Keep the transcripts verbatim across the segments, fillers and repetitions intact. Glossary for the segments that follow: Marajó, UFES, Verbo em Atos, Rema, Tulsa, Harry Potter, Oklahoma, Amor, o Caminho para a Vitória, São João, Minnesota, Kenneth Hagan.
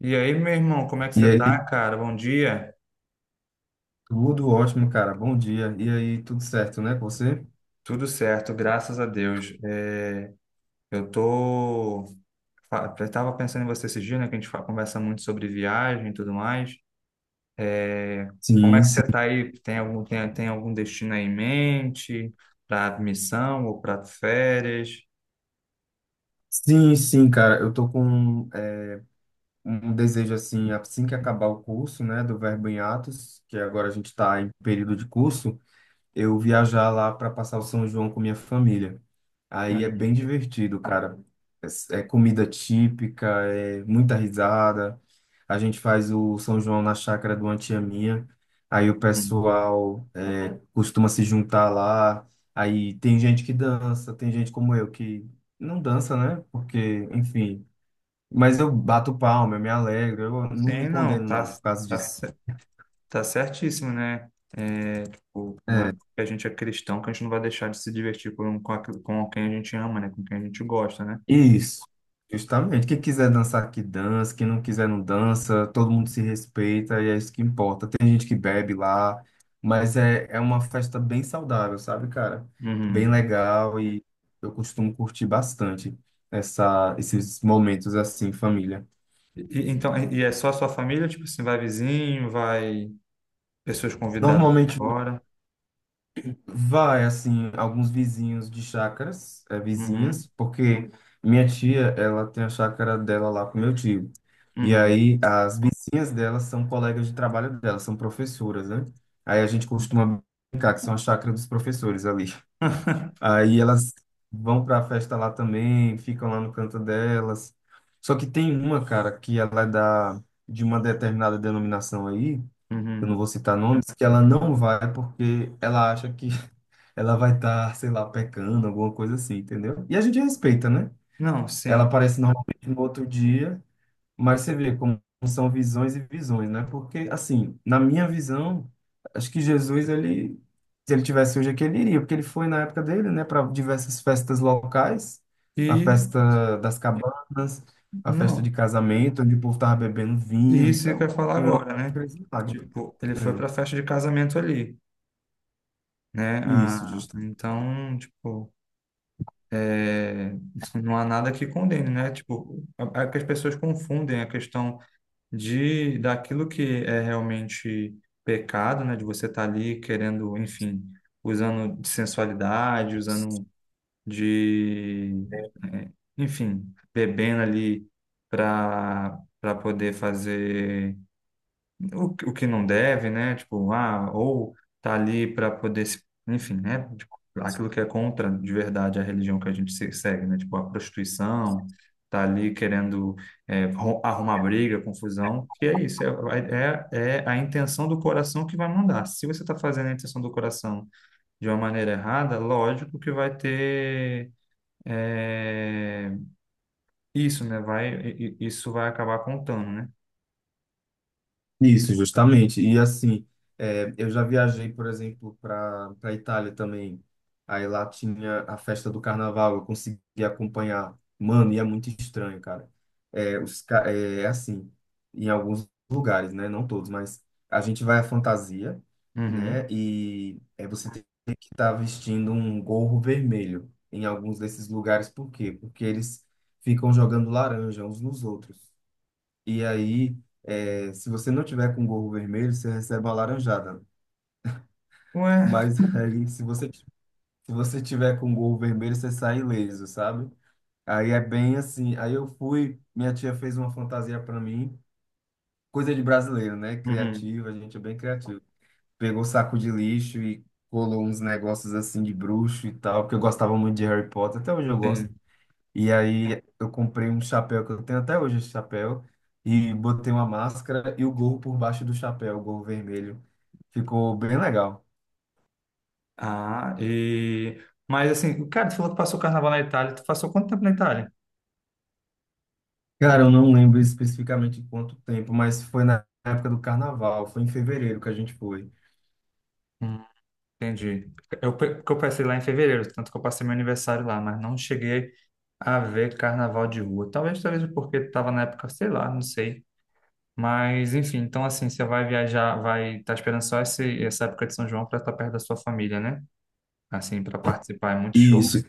E aí, meu irmão, como é que E você tá, aí, cara? Bom dia. tudo ótimo, cara. Bom dia. E aí, tudo certo, né, com você? Tudo certo, graças a Deus. É, eu tô. fa- Eu tava pensando em você esse dia, né? Que a gente fa- conversa muito sobre viagem e tudo mais. É, como é Sim, que sim. você tá aí? Tem algum, tem, tem algum destino aí em mente? Pra missão ou pra férias? Sim, sim, cara. Eu tô com é, um desejo, assim, assim que acabar o curso, né, do Verbo em Atos, que agora a gente tá em período de curso, eu viajar lá para passar o São João com minha família. Aí é bem Hum, divertido, cara. É, é comida típica, é muita risada. A gente faz o São João na chácara do uma tia minha. Aí o hum. pessoal costuma se juntar lá. Aí tem gente que dança, tem gente como eu que não dança, né? Porque, enfim. Mas eu bato palma, eu me alegro, eu não me Sim, não, condeno, tá, não, por causa tá, disso. Tá certíssimo, né? É, tipo, não é É, porque a gente é cristão que a gente não vai deixar de se divertir com, com, aqu- com quem a gente ama, né? Com quem a gente gosta, né? isso, justamente. Quem quiser dançar, que dança. Quem não quiser, não dança. Todo mundo se respeita e é isso que importa. Tem gente que bebe lá, mas é, é uma festa bem saudável, sabe, cara? Bem Uhum. legal e eu costumo curtir bastante essa, esses momentos assim, família. E, então, e e é só a sua família? Tipo assim, vai vizinho, vai pessoas convidadas de Normalmente fora? vai, assim, alguns vizinhos de chácaras, é, Uhum. vizinhas, porque minha tia, ela tem a chácara dela lá com meu tio. E Uhum. aí, as vizinhas dela são colegas de trabalho dela, são professoras, né? Aí a gente costuma brincar que são a chácara dos professores ali. Aí elas vão pra festa lá também, ficam lá no canto delas. Só que tem uma, cara, que ela é da, de uma determinada denominação aí, eu não Uhum. vou citar nomes, que ela não vai porque ela acha que ela vai estar, sei lá, pecando, alguma coisa assim, entendeu? E a gente respeita, né? Não, Ela sim. aparece normalmente no outro dia, mas você vê como são visões e visões, né? Porque, assim, na minha visão, acho que Jesus, ele, se ele tivesse hoje aqui, ele iria, porque ele foi na época dele, né, para diversas festas locais, a E festa das cabanas, a festa não. de casamento, onde o povo tava bebendo E vinho, isso que eu então, ia falar eu agora, né? acredito. Tipo, ele foi Né? para a festa de casamento ali, né? É, isso, Ah, então, tipo, é, não há nada que condene, né? Tipo, é que as pessoas confundem a questão de daquilo que é realmente pecado, né? De você estar ali querendo, enfim, usando de sensualidade, usando de, é, enfim, bebendo ali para para poder fazer o, que- o que não deve, né? Tipo, ah, ou tá ali para poder se, enfim, né? Tipo, aquilo que é contra de verdade a religião que a gente se- segue, né? Tipo, a prostituição, tá ali querendo é, ro- arrumar briga, confusão, que é isso, é, é, é a intenção do coração que vai mandar. Se você tá fazendo a intenção do coração de uma maneira errada, lógico que vai ter é, isso, né? Vai, i- i- isso vai acabar contando, né? Isso, justamente. E assim, é, eu já viajei, por exemplo, para para Itália também. Aí lá tinha a festa do carnaval, eu consegui acompanhar. Mano, e é muito estranho, cara. É, os, ca- é, é assim, em alguns lugares, né? Não todos, mas a gente vai à fantasia, Uhum. né? E é, você tem que estar vestindo um gorro vermelho em alguns desses lugares. Por quê? Porque eles ficam jogando laranja uns nos outros. E aí, é, se você não tiver com gorro vermelho, você recebe uma laranjada. Ué, Mas aí, se você, se você tiver com gorro vermelho, você sai ileso, sabe? Aí é bem assim. Aí eu fui, minha tia fez uma fantasia para mim, coisa de brasileiro, né? uhum. Criativo, a gente é bem criativo. Pegou saco de lixo e colou uns negócios assim de bruxo e tal, porque eu gostava muito de Harry Potter, até hoje eu gosto. Sim. E aí eu comprei um chapéu que eu tenho até hoje esse chapéu e botei uma máscara e o gorro por baixo do chapéu, o gorro vermelho. Ficou bem legal. Ah, e... Mas assim, cara, tu falou que passou o carnaval na Itália. Tu passou quanto tempo na Itália? Cara, eu não lembro especificamente quanto tempo, mas foi na época do carnaval, foi em fevereiro que a gente foi. Hum, entendi. Eu, pe- porque eu passei lá em fevereiro, tanto que eu passei meu aniversário lá, mas não cheguei a ver carnaval de rua. Talvez, talvez porque estava na época, sei lá, não sei. Mas, enfim, então assim, você vai viajar, vai estar esperando só esse, essa época de São João para estar perto da sua família, né? Assim, para participar. É muito show, Isso.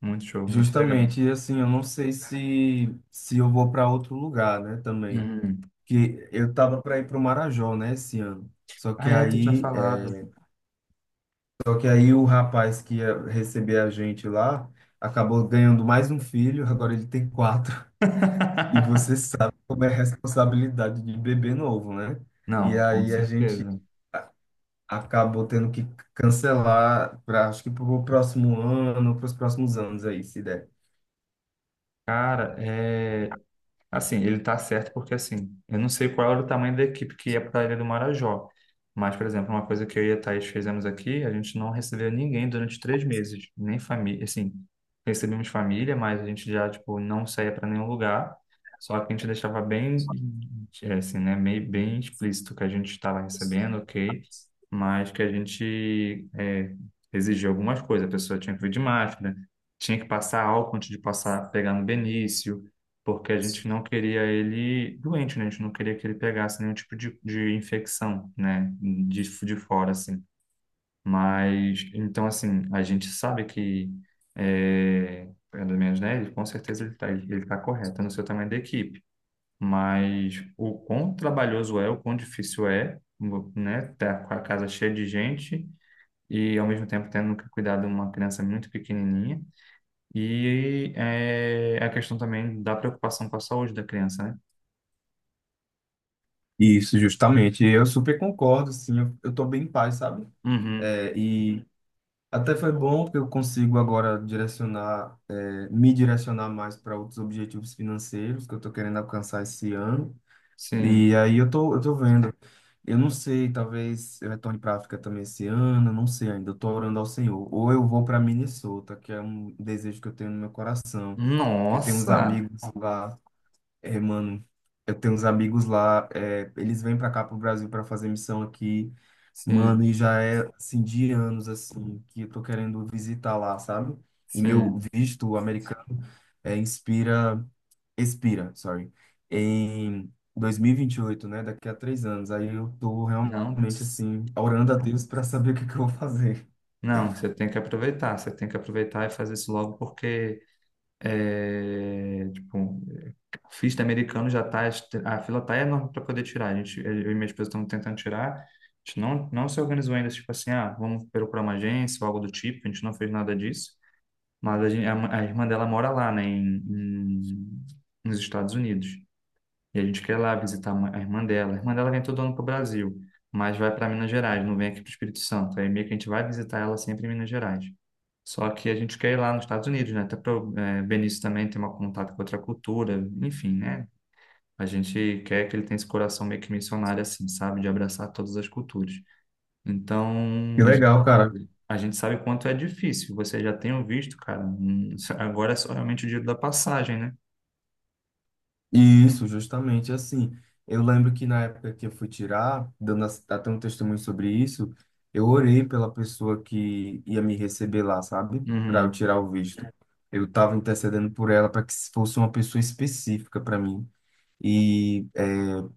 muito show, muito legal. Justamente, e assim, eu não sei se se eu vou para outro lugar, né, também. Uhum. Que eu tava para ir para o Marajó, né, esse ano. Só que Ah, é, tu tinha aí falado. Só que aí o rapaz que ia receber a gente lá acabou ganhando mais um filho, agora ele tem quatro. E você sabe como é a responsabilidade de bebê novo, né? E Não, com aí a gente certeza. acabou tendo que cancelar, pra, acho que para o próximo ano, para os próximos anos aí, se der. Cara, é, assim, ele tá certo porque, assim, eu não sei qual era o tamanho da equipe que ia para a Ilha do Marajó. Mas, por exemplo, uma coisa que eu e a Thaís fizemos aqui, a gente não recebeu ninguém durante três meses, nem família, assim, recebemos família, mas a gente já, tipo, não saía para nenhum lugar, só que a gente deixava bem, é, assim, né, meio, bem explícito que a gente estava recebendo, ok, mas que a gente é, exigia algumas coisas, a pessoa tinha que vir de máscara, tinha que passar álcool antes de passar, pegar no Benício, porque a gente não queria ele doente, né? A gente não queria que ele pegasse nenhum tipo de, de infecção, né? De, de fora, assim. Mas, então, assim, a gente sabe que, é, pelo menos, né? Ele, com certeza ele está ele tá correto no seu tamanho da equipe. Mas o quão trabalhoso é, o quão difícil é, né? Tá com a casa cheia de gente e, ao mesmo tempo, tendo que cuidar de uma criança muito pequenininha. E é, a questão também da preocupação com a saúde da criança, né? Isso, justamente. Eu super concordo, sim. Eu, eu tô bem em paz, sabe? Uhum, É, e até foi bom, porque eu consigo agora direcionar, eh, me direcionar mais para outros objetivos financeiros que eu estou querendo alcançar esse ano. sim. E aí eu tô, eu tô vendo. Eu não sei, talvez eu retorne para África também esse ano, eu não sei ainda. Eu tô orando ao Senhor. Ou eu vou para Minnesota, que é um desejo que eu tenho no meu coração, que eu tenho uns Nossa! amigos lá, eh, mano. Eu tenho uns amigos lá, eh, eles vêm para cá para o Brasil para fazer missão aqui. Mano, Sim, e já é assim de anos assim que eu tô querendo visitar lá, sabe? E meu sim. visto americano é, inspira, expira, sorry, em dois mil e vinte e oito, né? Daqui a três anos. Aí eu tô Não, realmente s- assim orando a Deus para saber o que que eu vou fazer. não, você tem que aproveitar, você tem que aproveitar e fazer isso logo porque é, tipo, o F I T americano já tá, est- a fila tá enorme para poder tirar. A gente, eu e minha esposa estamos tentando tirar. A gente não, não se organizou ainda, tipo assim, ah, vamos procurar uma agência ou algo do tipo, a gente não fez nada disso. Mas a, gente, a, ma- a irmã dela mora lá, né, em, em- nos Estados Unidos. E a gente quer ir lá visitar a mãe- a irmã dela. A irmã dela vem todo ano para o Brasil, mas vai para Minas Gerais, não vem aqui para o Espírito Santo. Aí meio que a gente vai visitar ela sempre em Minas Gerais. Só que a gente quer ir lá nos Estados Unidos, né? Até para o eh, Benício também ter um contato com outra cultura, enfim, né? A gente quer que ele tenha esse coração meio que missionário, assim, sabe? De abraçar todas as culturas. Então, Que a gente, legal, cara. a gente sabe o quanto é difícil. Você já tem o visto, cara. Hum, Agora é só realmente o dinheiro da passagem, né? Isso, justamente assim. Eu lembro que na época que eu fui tirar, dando as- até um testemunho sobre isso, eu orei pela pessoa que ia me receber lá, sabe? Para eu Uhum. tirar o visto. Eu estava intercedendo por ela para que fosse uma pessoa específica para mim. E é,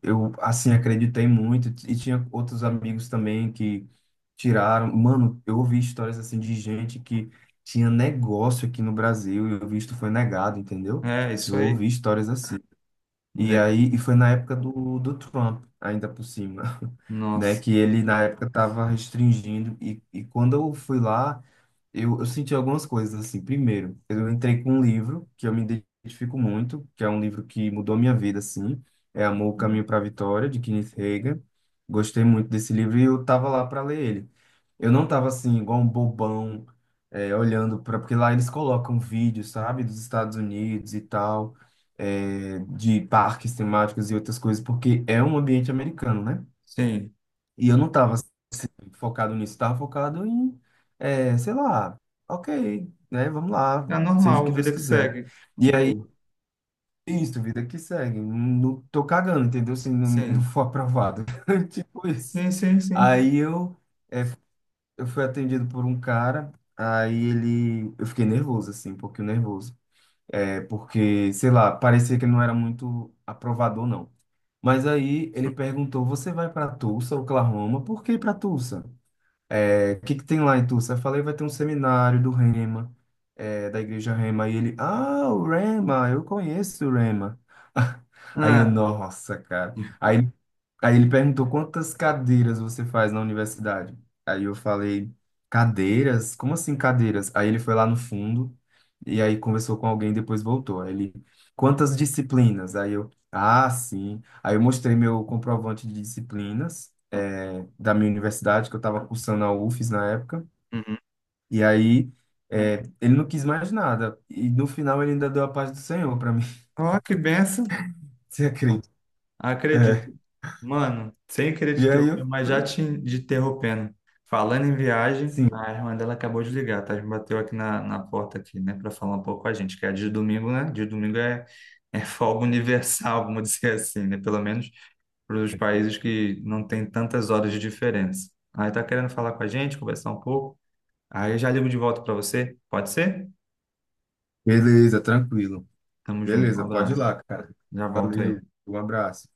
eu, assim, acreditei muito. E tinha outros amigos também que tiraram. Mano, eu ouvi histórias assim de gente que tinha negócio aqui no Brasil e o visto foi negado, entendeu? É, isso Eu ouvi aí. histórias assim. E Né? aí, e foi na época do, do Trump, ainda por cima, né? Nossa. Que ele, na época, estava restringindo. E, e quando eu fui lá, eu, eu senti algumas coisas, assim. Primeiro, eu entrei com um livro que eu me identifico muito, que é um livro que mudou minha vida, assim. É Amor, o Caminho para a Vitória, de Kenneth Hagan. Gostei muito desse livro e eu tava lá para ler ele. Eu não tava, assim, igual um bobão, é, olhando para... Porque lá eles colocam vídeos, sabe? Dos Estados Unidos e tal é, de parques temáticos e outras coisas, porque é um ambiente americano, né? Sim. E eu não estava focado nisso, estava focado em, é, sei lá, ok, né? Vamos lá, É seja o normal, que Deus vida que quiser. segue. E aí, Tipo, isso, vida que segue. Não, não tô cagando, entendeu? Se não, não sim. for aprovado. Tipo isso. Sim, sim, sim. Aí eu, é, eu fui atendido por um cara, aí ele. Eu fiquei nervoso, assim, um pouquinho nervoso. É, porque, sei lá, parecia que ele não era muito aprovador, não. Mas aí ele perguntou: Você vai para Tulsa, Oklahoma? Por que para Tulsa? É, o que que tem lá em Tulsa? Eu falei, vai ter um seminário do Rema, é, da igreja Rema. E ele, ah, o Rema, eu conheço o Rema. Aí eu, Ah, nossa, cara. Aí, aí ele perguntou, quantas cadeiras você faz na universidade? Aí eu falei, cadeiras? Como assim cadeiras? Aí ele foi lá no fundo e aí conversou com alguém, depois voltou. Aí ele, quantas disciplinas? Aí eu, ah, sim. Aí eu mostrei meu comprovante de disciplinas é, da minha universidade, que eu estava cursando a U F E S na época. uhum. E aí, é, ele não quis mais nada. E no final, ele ainda deu a paz do Senhor para mim. Ó, que benção. Você acredita? É. Acredito. Mano, sem querer te E aí, interromper, eu mas já fui, te te interrompendo. Falando em viagem, sim, a irmã dela acabou de ligar, tá? Bateu aqui na, na porta aqui, né? Pra falar um pouco com a gente, que é de domingo, né? De domingo é, é folga universal, vamos dizer assim, né? Pelo menos para os países que não tem tantas horas de diferença. Aí tá querendo falar com a gente, conversar um pouco. Aí eu já ligo de volta para você. Pode ser? beleza, tranquilo. Tamo junto. Um Beleza, pode ir abraço. lá, cara. Já volto aí. Valeu, um abraço.